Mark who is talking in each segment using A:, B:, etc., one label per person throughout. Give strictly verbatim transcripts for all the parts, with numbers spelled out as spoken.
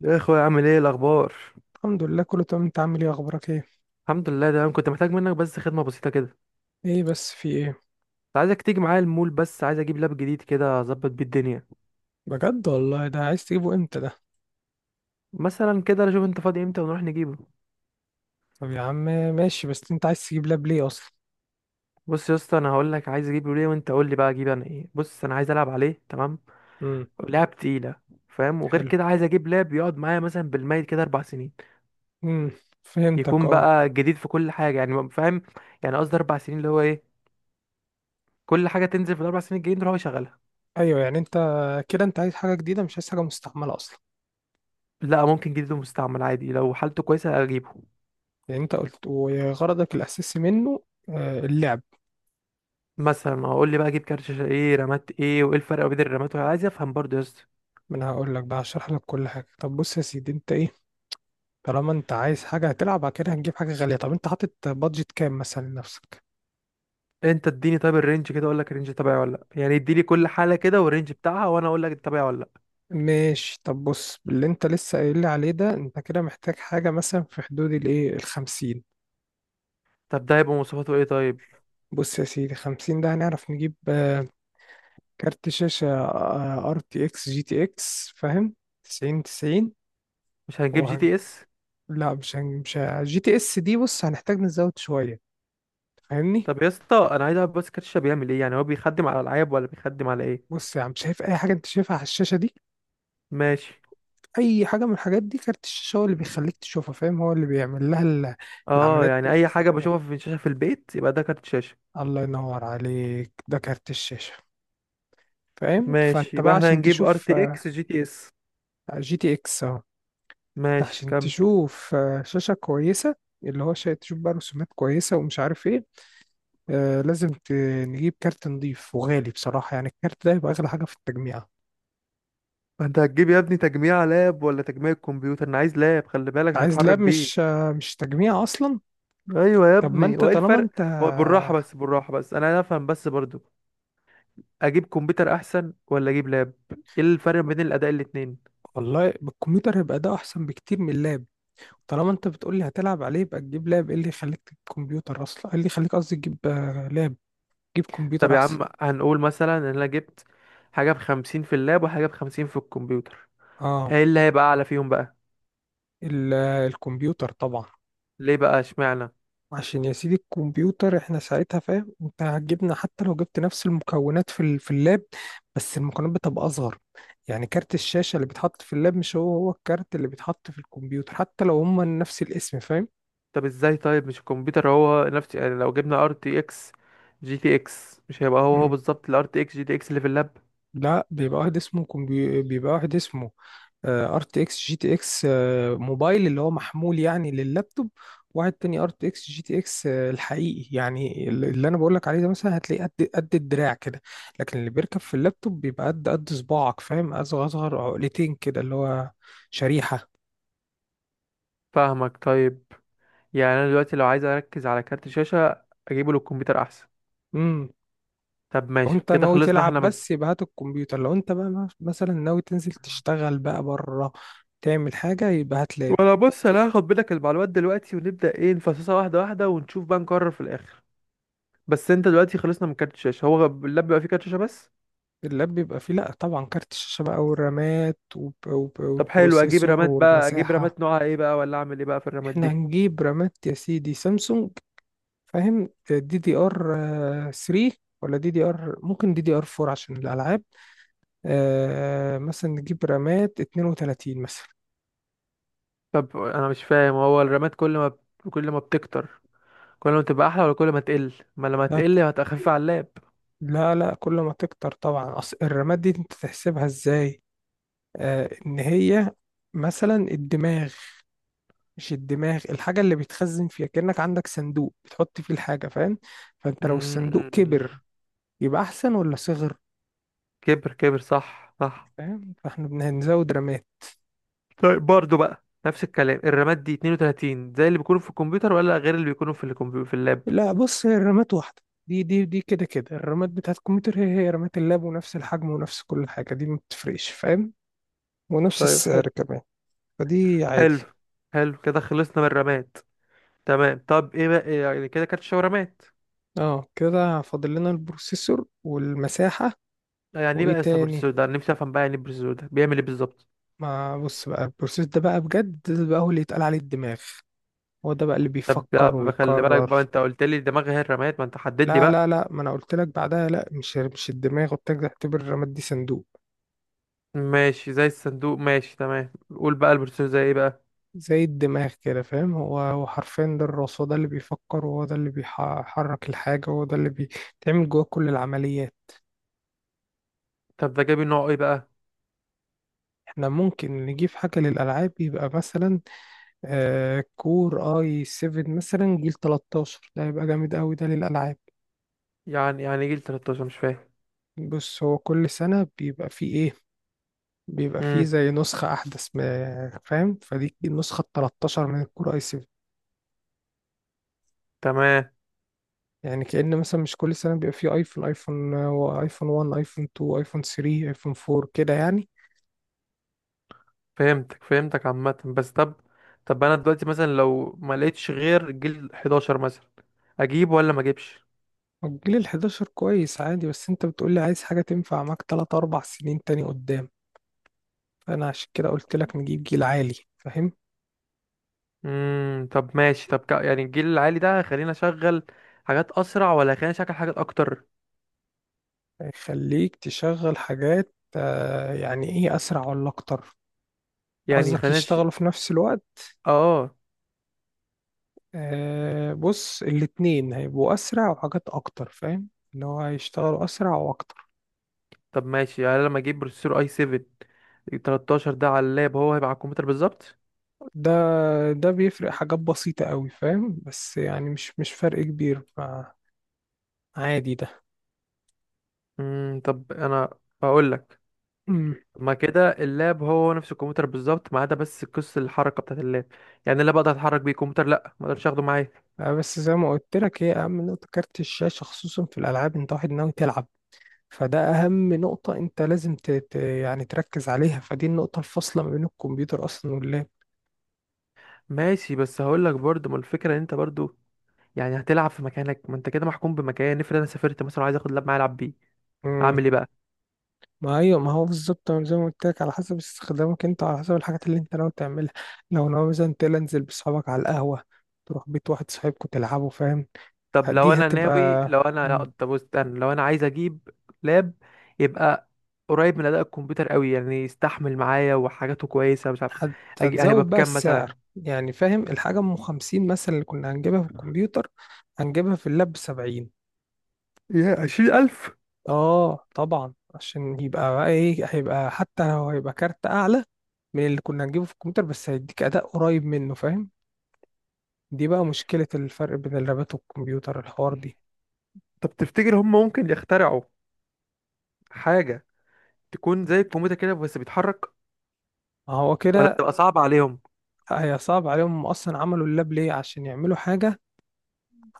A: يا اخويا، عامل ايه؟ إيه الاخبار؟
B: الحمد لله، كله تمام. انت عامل ايه؟ اخبارك ايه؟
A: الحمد لله تمام. كنت محتاج منك بس خدمه بسيطه كده، كنت
B: ايه بس في ايه؟
A: عايزك تيجي معايا المول، بس عايز اجيب لاب جديد كده اظبط بيه الدنيا.
B: بجد والله، ده عايز تجيبه امتى ده؟
A: مثلا كده شوف انت فاضي امتى ونروح نجيبه.
B: طب يا عم. ماشي، بس انت عايز تجيب لاب ليه اصلا؟
A: بص يا اسطى، انا هقول لك عايز اجيبه ليه وانت قول لي بقى اجيب انا ايه. بص انا عايز العب عليه، تمام؟
B: امم.
A: لعب تقيله، فاهم؟ وغير
B: حلو.
A: كده عايز اجيب لاب يقعد معايا مثلا بالميت كده اربع سنين.
B: امم. فهمتك،
A: يكون
B: اه.
A: بقى جديد في كل حاجه، يعني فاهم؟ يعني قصدي اربع سنين اللي هو ايه، كل حاجه تنزل في الاربع سنين الجايين تروح يشغلها.
B: ايوه، يعني انت كده انت عايز حاجه جديده مش عايز حاجه مستعمله اصلا.
A: لا، ممكن جديد ومستعمل عادي، لو حالته كويسه اجيبه.
B: يعني انت قلت وغرضك الاساسي منه آه، اللعب.
A: مثلا اقول لي بقى اجيب كارت شاشه ايه، رامات ايه، وايه الفرق بين الرامات، وأنا عايز افهم برضه يا اسطى.
B: ما انا هقول لك بقى هشرح لك كل حاجه. طب بص يا سيدي، انت ايه؟ طالما انت عايز حاجه هتلعب بعد كده، هتجيب حاجه غاليه. طب انت حاطط بادجت كام مثلا لنفسك؟
A: انت اديني طيب الرينج كده، اقول لك الرينج تبعي ولا لا. يعني اديني كل حاله كده والرينج بتاعها وانا اقول لك تبعي ولا لا.
B: ماشي. طب بص، اللي انت لسه قايل لي عليه ده انت كده محتاج حاجة مثلا في حدود الايه الخمسين.
A: طب ده هيبقى مواصفاته ايه طيب؟
B: بص يا سيدي، خمسين ده هنعرف نجيب آه، كارت شاشة ار تي اكس جي تي اكس، فاهم؟ تسعين تسعين.
A: مش هنجيب جي
B: وهن...
A: تي اس؟
B: لا، مش هن... مش ه- جي تي اس دي. بص، هنحتاج نزود شوية، فاهمني؟
A: طب يا اسطى، انا عايز اعرف بس كارت الشاشه بيعمل ايه؟ يعني هو بيخدم على العاب ولا بيخدم على ايه؟
B: بص يا عم، شايف اي حاجة انت شايفها على الشاشة دي؟
A: ماشي.
B: اي حاجة من الحاجات دي، كارت الشاشة هو اللي بيخليك تشوفها، فاهم؟ هو اللي بيعمل لها ال-
A: اه،
B: العمليات
A: يعني اي حاجه
B: الحسابية.
A: بشوفها في الشاشه في البيت يبقى ده كارت شاشه؟
B: الله ينور عليك، ده كارت الشاشة. فاهم؟
A: ماشي،
B: فانت
A: يبقى
B: بقى
A: احنا
B: عشان
A: هنجيب ار
B: تشوف
A: تي اكس جي تي اس.
B: جي تي اكس، اه جي تي ايه. اهو،
A: ماشي،
B: عشان
A: كمل.
B: تشوف آه، شاشة كويسة، اللي هو شا- تشوف بقى رسومات كويسة ومش عارف ايه. آه، لازم ت- نجيب كارت نضيف وغالي بصراحة، يعني الكارت ده يبقى أغلى حاجة في التجميعة.
A: انت هتجيب يا ابني تجميع لاب ولا تجميع كمبيوتر؟ انا عايز لاب، خلي بالك
B: انت
A: عشان
B: عايز
A: اتحرك
B: لاب،
A: بيه.
B: مش آه مش تجميع أصلا.
A: ايوه يا
B: طب ما
A: ابني،
B: انت
A: هو ايه
B: طالما
A: الفرق؟
B: انت،
A: هو بالراحه بس بالراحه بس، انا افهم بس برضو. اجيب كمبيوتر احسن ولا اجيب لاب؟ ايه الفرق بين الاداء الاتنين؟
B: والله الكمبيوتر هيبقى ده أحسن بكتير من اللاب. طالما انت بتقول لي هتلعب عليه يبقى تجيب لاب، ايه اللي يخليك تجيب كمبيوتر أصلا، ايه اللي يخليك قصدي تجيب آه، لاب؟ تجيب
A: طب
B: كمبيوتر
A: يا
B: أحسن.
A: عم، هنقول مثلا ان انا جبت حاجه بخمسين في اللاب وحاجه بخمسين في الكمبيوتر،
B: اه،
A: ايه اللي هيبقى اعلى فيهم بقى؟
B: ال- الكمبيوتر طبعا.
A: ليه بقى؟ اشمعنى؟
B: عشان يا سيدي الكمبيوتر احنا ساعتها، فاهم؟ انت هتجيبنا حتى لو جبت نفس المكونات في ال- في اللاب، بس المكونات بتبقى اصغر. يعني كارت الشاشة اللي بيتحط في اللاب مش هو هو الكارت اللي بيتحط في الكمبيوتر حتى لو هما نفس الاسم، فاهم؟
A: طب ازاي طيب؟ مش الكمبيوتر هو نفس، يعني لو جبنا ار تي اكس جي تي اكس، مش هيبقى هو هو
B: مم.
A: بالظبط الار تي اكس جي تي اكس اللي في اللاب؟
B: لا، بيبقى واحد اسمه كمبي... بيبقى واحد اسمه ار تي اكس جي تي اكس موبايل، اللي هو محمول يعني لللابتوب. واحد تاني، ار تي اكس جي تي اكس الحقيقي، يعني ال- اللي انا بقول لك عليه ده، مثلا هتلاقيه قد قد الدراع كده. لكن اللي بيركب في اللابتوب بيبقى قد قد صباعك، فاهم؟ اصغر اصغر، عقلتين كده، اللي هو شريحة.
A: فاهمك طيب. يعني انا دلوقتي لو عايز اركز على كارت شاشه اجيبه للكمبيوتر احسن؟
B: امم.
A: طب ماشي
B: وانت
A: كده،
B: ناوي
A: خلصنا
B: تلعب
A: احنا من.
B: بس، يبقى هات الكمبيوتر. لو انت بقى مثلا ناوي تنزل تشتغل بقى بره، تعمل حاجة، يبقى هات لاب.
A: وانا بص انا هاخد منك المعلومات دلوقتي ونبدأ ايه نفصصها واحدة واحدة ونشوف بقى نقرر في الاخر. بس انت دلوقتي خلصنا من كارت الشاشة، هو غ- اللاب بقى فيه كارت شاشة بس؟
B: اللاب بيبقى فيه، لأ طبعا، كارت الشاشة بقى والرامات وب- وب-
A: طب حلو، اجيب
B: والبروسيسور
A: رامات بقى، اجيب
B: والمساحة.
A: رامات نوعها ايه بقى ولا اعمل ايه بقى في الرامات
B: احنا
A: دي؟
B: هنجيب رامات يا سيدي سامسونج، فاهم؟ دي دي ار تلاتة، ولا دي دي ار، ممكن دي دي ار اربعة عشان الألعاب. آه، مثلا نجيب رامات اثنين وثلاثين مثلا.
A: طب انا مش فاهم، هو الرامات كل ما كل ما بتكتر كل ما تبقى احلى، ولا كل ما تقل ما لما
B: لا
A: تقل هتخف على اللاب؟
B: لا لا، كل ما تكتر طبعا. أصل الرامات دي انت تحسبها ازاي؟ آه، ان هي مثلا الدماغ، مش الدماغ، الحاجة اللي بيتخزن فيها، كأنك عندك صندوق بتحط فيه الحاجة، فاهم؟ فانت لو الصندوق
A: مم،
B: كبر يبقى احسن ولا صغر؟
A: كبر كبر، صح صح.
B: فاهم؟ فاحنا بنزود رامات.
A: طيب برضه بقى نفس الكلام، الرامات دي اثنين وثلاثين زي اللي بيكونوا في الكمبيوتر ولا غير اللي بيكونوا في الكمبيوتر في اللاب؟
B: لا، بص، هي الرامات واحدة. دي دي دي كده كده الرامات بتاعت الكمبيوتر هي هي رامات اللاب، ونفس الحجم ونفس كل حاجة، دي ما بتفرقش، فاهم؟ ونفس
A: طيب، حلو.
B: السعر كمان، فدي عادي.
A: حلو. حلو كده، خلصنا من الرماد. تمام. طب ايه بقى، يعني كده كانت شاورمات.
B: اه، كده فاضل لنا البروسيسور والمساحة.
A: يعني ايه
B: وايه
A: بقى
B: تاني؟
A: السبرسو ده، انا نفسي افهم بقى. يعني البرسو ده بيعمل ايه بالظبط؟
B: ما بص بقى، البروسيس ده بقى بجد، ده بقى هو اللي يتقال عليه الدماغ، هو ده بقى اللي
A: طب لا،
B: بيفكر
A: بخلي بالك
B: ويقرر.
A: بقى، انت قلت لي دماغي هي الرماد، ما انت حدد لي
B: لا لا
A: بقى.
B: لا، ما انا قلت لك بعدها، لا، مش مش الدماغ، قلت لك اعتبر الرماد دي صندوق.
A: ماشي، زي الصندوق، ماشي تمام. قول بقى البرسو زي ايه بقى؟
B: زي الدماغ كده، فاهم؟ هو هو حرفيا، ده الراس، هو ده اللي بيفكر وهو ده اللي بيحرك الحاجة وهو ده اللي بيتعمل جواه كل العمليات.
A: طب ده جايب نوع ايه بقى؟
B: احنا ممكن نجيب حاجة للألعاب، يبقى مثلا آه، كور اي سفن مثلا جيل تلتاشر، ده هيبقى جامد قوي ده للألعاب.
A: يعني يعني جيل تلتاشر مش فاهم.
B: بص، هو كل سنة بيبقى فيه ايه، بيبقى فيه
A: امم
B: زي نسخة أحدث، ما- فاهم؟ فدي النسخة التلتاشر من الكور أي سفن.
A: تمام.
B: يعني كأن مثلا، مش كل سنة بيبقى فيه أيفون؟ أيفون أيفون واحد، أيفون اتنين، أيفون تلاتة، أيفون اربعة، كده يعني.
A: فهمتك فهمتك عامه بس. طب، طب انا دلوقتي مثلا لو ما لقيتش غير جيل حداشر مثلا اجيبه ولا ما اجيبش؟
B: الجيل ال حداشر كويس عادي، بس أنت بتقولي عايز حاجة تنفع معاك تلاتة اربعة سنين تاني قدام، فأنا عشان كده قلت لك نجيب جيل عالي، فاهم؟
A: امم طب ماشي. طب ك- يعني الجيل العالي ده خلينا اشغل حاجات اسرع ولا خلينا اشغل حاجات اكتر؟
B: يخليك تشغل حاجات آه، يعني إيه، أسرع ولا أكتر؟
A: يعني
B: قصدك
A: خلينا ش...
B: يشتغلوا في نفس الوقت؟
A: اه.
B: آه، بص، الاتنين هيبقوا أسرع وحاجات أكتر، فاهم؟ اللي هو هيشتغلوا أسرع وأكتر.
A: طب ماشي، يعني لما اجيب بروسيسور اي سفن تلتاشر ده على اللاب هو هيبقى على الكمبيوتر بالظبط؟
B: ده ده بيفرق حاجات بسيطة أوي، فاهم؟ بس يعني مش مش فرق كبير، فعادي ده.
A: امم طب انا هقول لك،
B: مم.
A: ما كده اللاب هو نفس الكمبيوتر بالظبط ما عدا بس قصة الحركة بتاعت اللاب. يعني اللاب اقدر اتحرك بيه، الكمبيوتر لا، ما اقدرش اخده معايا.
B: آه بس زي ما قلت لك، هي أهم نقطة كارت الشاشة، خصوصا في الألعاب، أنت واحد ناوي تلعب، فده أهم نقطة، أنت لازم ت... ت... يعني تركز عليها، فدي النقطة الفاصلة ما بين الكمبيوتر أصلا
A: ماشي، بس هقول لك برضه ما الفكرة ان انت برضه يعني هتلعب في مكانك، ما انت كده محكوم بمكان. افرض انا سافرت مثلا، عايز اخد لاب معايا العب بيه،
B: واللاب.
A: اعمل ايه بقى؟
B: ما ايوه، ما هو بالظبط، أنا زي ما قلت لك على حسب استخدامك انت، على حسب الحاجات اللي انت ناوي تعملها. لو ناوي مثلا تنزل بصحابك على القهوه، تروح بيت واحد صاحبكوا تلعبوا، فاهم؟
A: طب لو
B: دي
A: انا ناوي،
B: هتبقى،
A: لو انا لا،
B: مم،
A: طب استنى، لو انا عايز اجيب لاب يبقى قريب من اداء الكمبيوتر قوي، يعني يستحمل معايا وحاجاته كويسه، مش عارف.
B: هت...
A: أجي... هيبقى
B: هتزود بقى
A: بكام
B: السعر،
A: مثلا؟
B: يعني فاهم، الحاجه ام خمسين مثلا اللي كنا هنجيبها في الكمبيوتر، هنجيبها في اللاب ب سبعين.
A: يا عشرين ألف؟
B: اه طبعا، عشان يبقى بقى ايه، هيبقى حتى لو هيبقى كارت اعلى من اللي كنا هنجيبه في الكمبيوتر، بس هيديك اداء قريب منه، فاهم؟ دي بقى مشكلة الفرق بين اللابات والكمبيوتر، الحوار دي.
A: طب تفتكر هم ممكن يخترعوا حاجه تكون زي الكمبيوتر كده بس بيتحرك،
B: هو
A: ولا
B: كده.
A: تبقى صعبه عليهم؟
B: هي صعب عليهم. هم أصلا عملوا اللاب ليه؟ عشان يعملوا حاجة،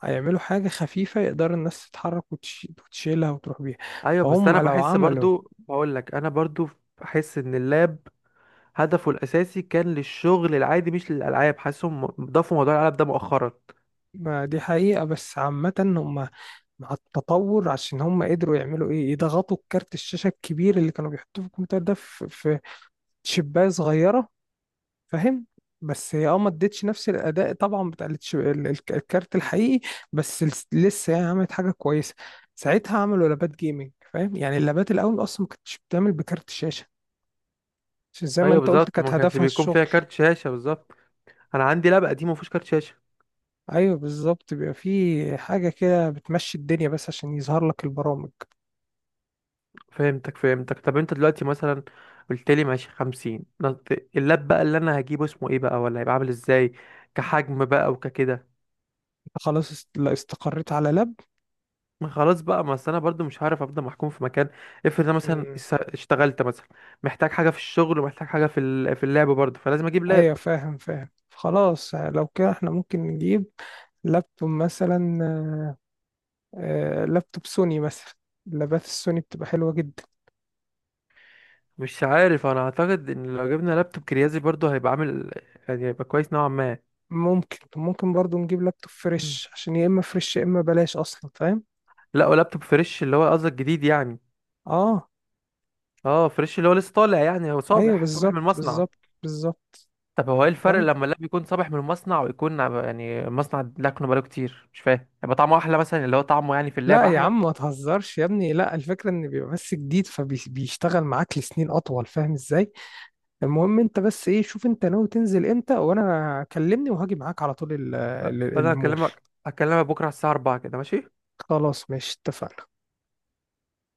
B: هيعملوا حاجة خفيفة يقدر الناس تتحرك وتش- وتشيلها وتروح بيها،
A: ايوه، بس
B: فهم
A: انا
B: لو
A: بحس
B: عملوا.
A: برضو، بقول لك انا برضو بحس ان اللاب هدفه الاساسي كان للشغل العادي مش للالعاب، حاسسهم ضافوا موضوع الالعاب ده مؤخرا.
B: ما دي حقيقة، بس عامة هم مع التطور عشان هم قدروا يعملوا ايه، يضغطوا الكارت الشاشة الكبير اللي كانوا بيحطوه في الكمبيوتر ده في في شباية صغيرة، فاهم؟ بس هي اه، ما ادتش نفس الاداء طبعا بتاع التش- ال- الك- الكارت الحقيقي. بس لس- لسه يعني عملت حاجه كويسه. ساعتها عملوا لابات جيمنج، فاهم؟ يعني اللابات الاول اصلا ما كانتش بتعمل بكارت الشاشه، عشان زي ما
A: ايوه
B: انت قلت
A: بالظبط،
B: كانت
A: ما كانش
B: هدفها
A: بيكون فيها
B: الشغل.
A: كارت شاشه بالظبط. انا عندي لاب قديم ما فيهوش كارت شاشه.
B: ايوه بالظبط، بيبقى في حاجه كده بتمشي الدنيا بس عشان يظهر لك البرامج.
A: فهمتك فهمتك. طب انت دلوقتي مثلا قلت لي ماشي خمسين نط- اللاب بقى اللي انا هجيبه اسمه ايه بقى، ولا هيبقى عامل ازاي كحجم بقى وككده؟
B: انت خلاص است- لا، استقريت على لاب.
A: ما خلاص بقى، ما أصل انا برضو مش هعرف افضل محكوم في مكان. افرض انا مثلا
B: مم.
A: اس- اشتغلت مثلا، محتاج حاجه في الشغل ومحتاج حاجه في ال- في اللعب برضو، فلازم اجيب لاب.
B: ايوه فاهم فاهم، خلاص لو كده احنا ممكن نجيب لابتوب مثلا، آه، لابتوب سوني مثلا، اللابات السوني بتبقى حلوة جدا.
A: مش عارف، انا اعتقد ان لو جبنا لابتوب كريازي برضو هيبقى عامل، يعني هيبقى كويس نوعا ما.
B: ممكن ممكن برضو نجيب لابتوب
A: مم.
B: فريش، عشان يا إما فريش يا إما بلاش أصلا، فاهم؟
A: لا، ولابتوب فريش اللي هو قصدك جديد يعني؟
B: آه.
A: اه، فريش اللي هو لسه طالع، يعني هو
B: أيوه
A: صابح صابح من
B: بالظبط
A: المصنع.
B: بالظبط بالظبط.
A: طب هو ايه الفرق
B: فاهم.
A: لما اللب يكون صابح من المصنع ويكون عب- يعني مصنع لكنه بقاله كتير؟ مش فاهم. يبقى طعمه احلى مثلا، اللي هو طعمه يعني في
B: لا
A: اللعب
B: يا
A: احلى؟
B: عم، ما تهزرش يا ابني، لا الفكرة ان بيبقى بس جديد فبيشتغل معاك لسنين اطول، فاهم ازاي؟ المهم انت بس ايه، شوف انت ناوي تنزل امتى وانا كلمني وهاجي معاك على طول ال-
A: أ-
B: ال-
A: انا
B: المول.
A: هكلمك هكلمك بكره على الساعه أربعة كده، ماشي؟
B: خلاص ماشي، اتفقنا.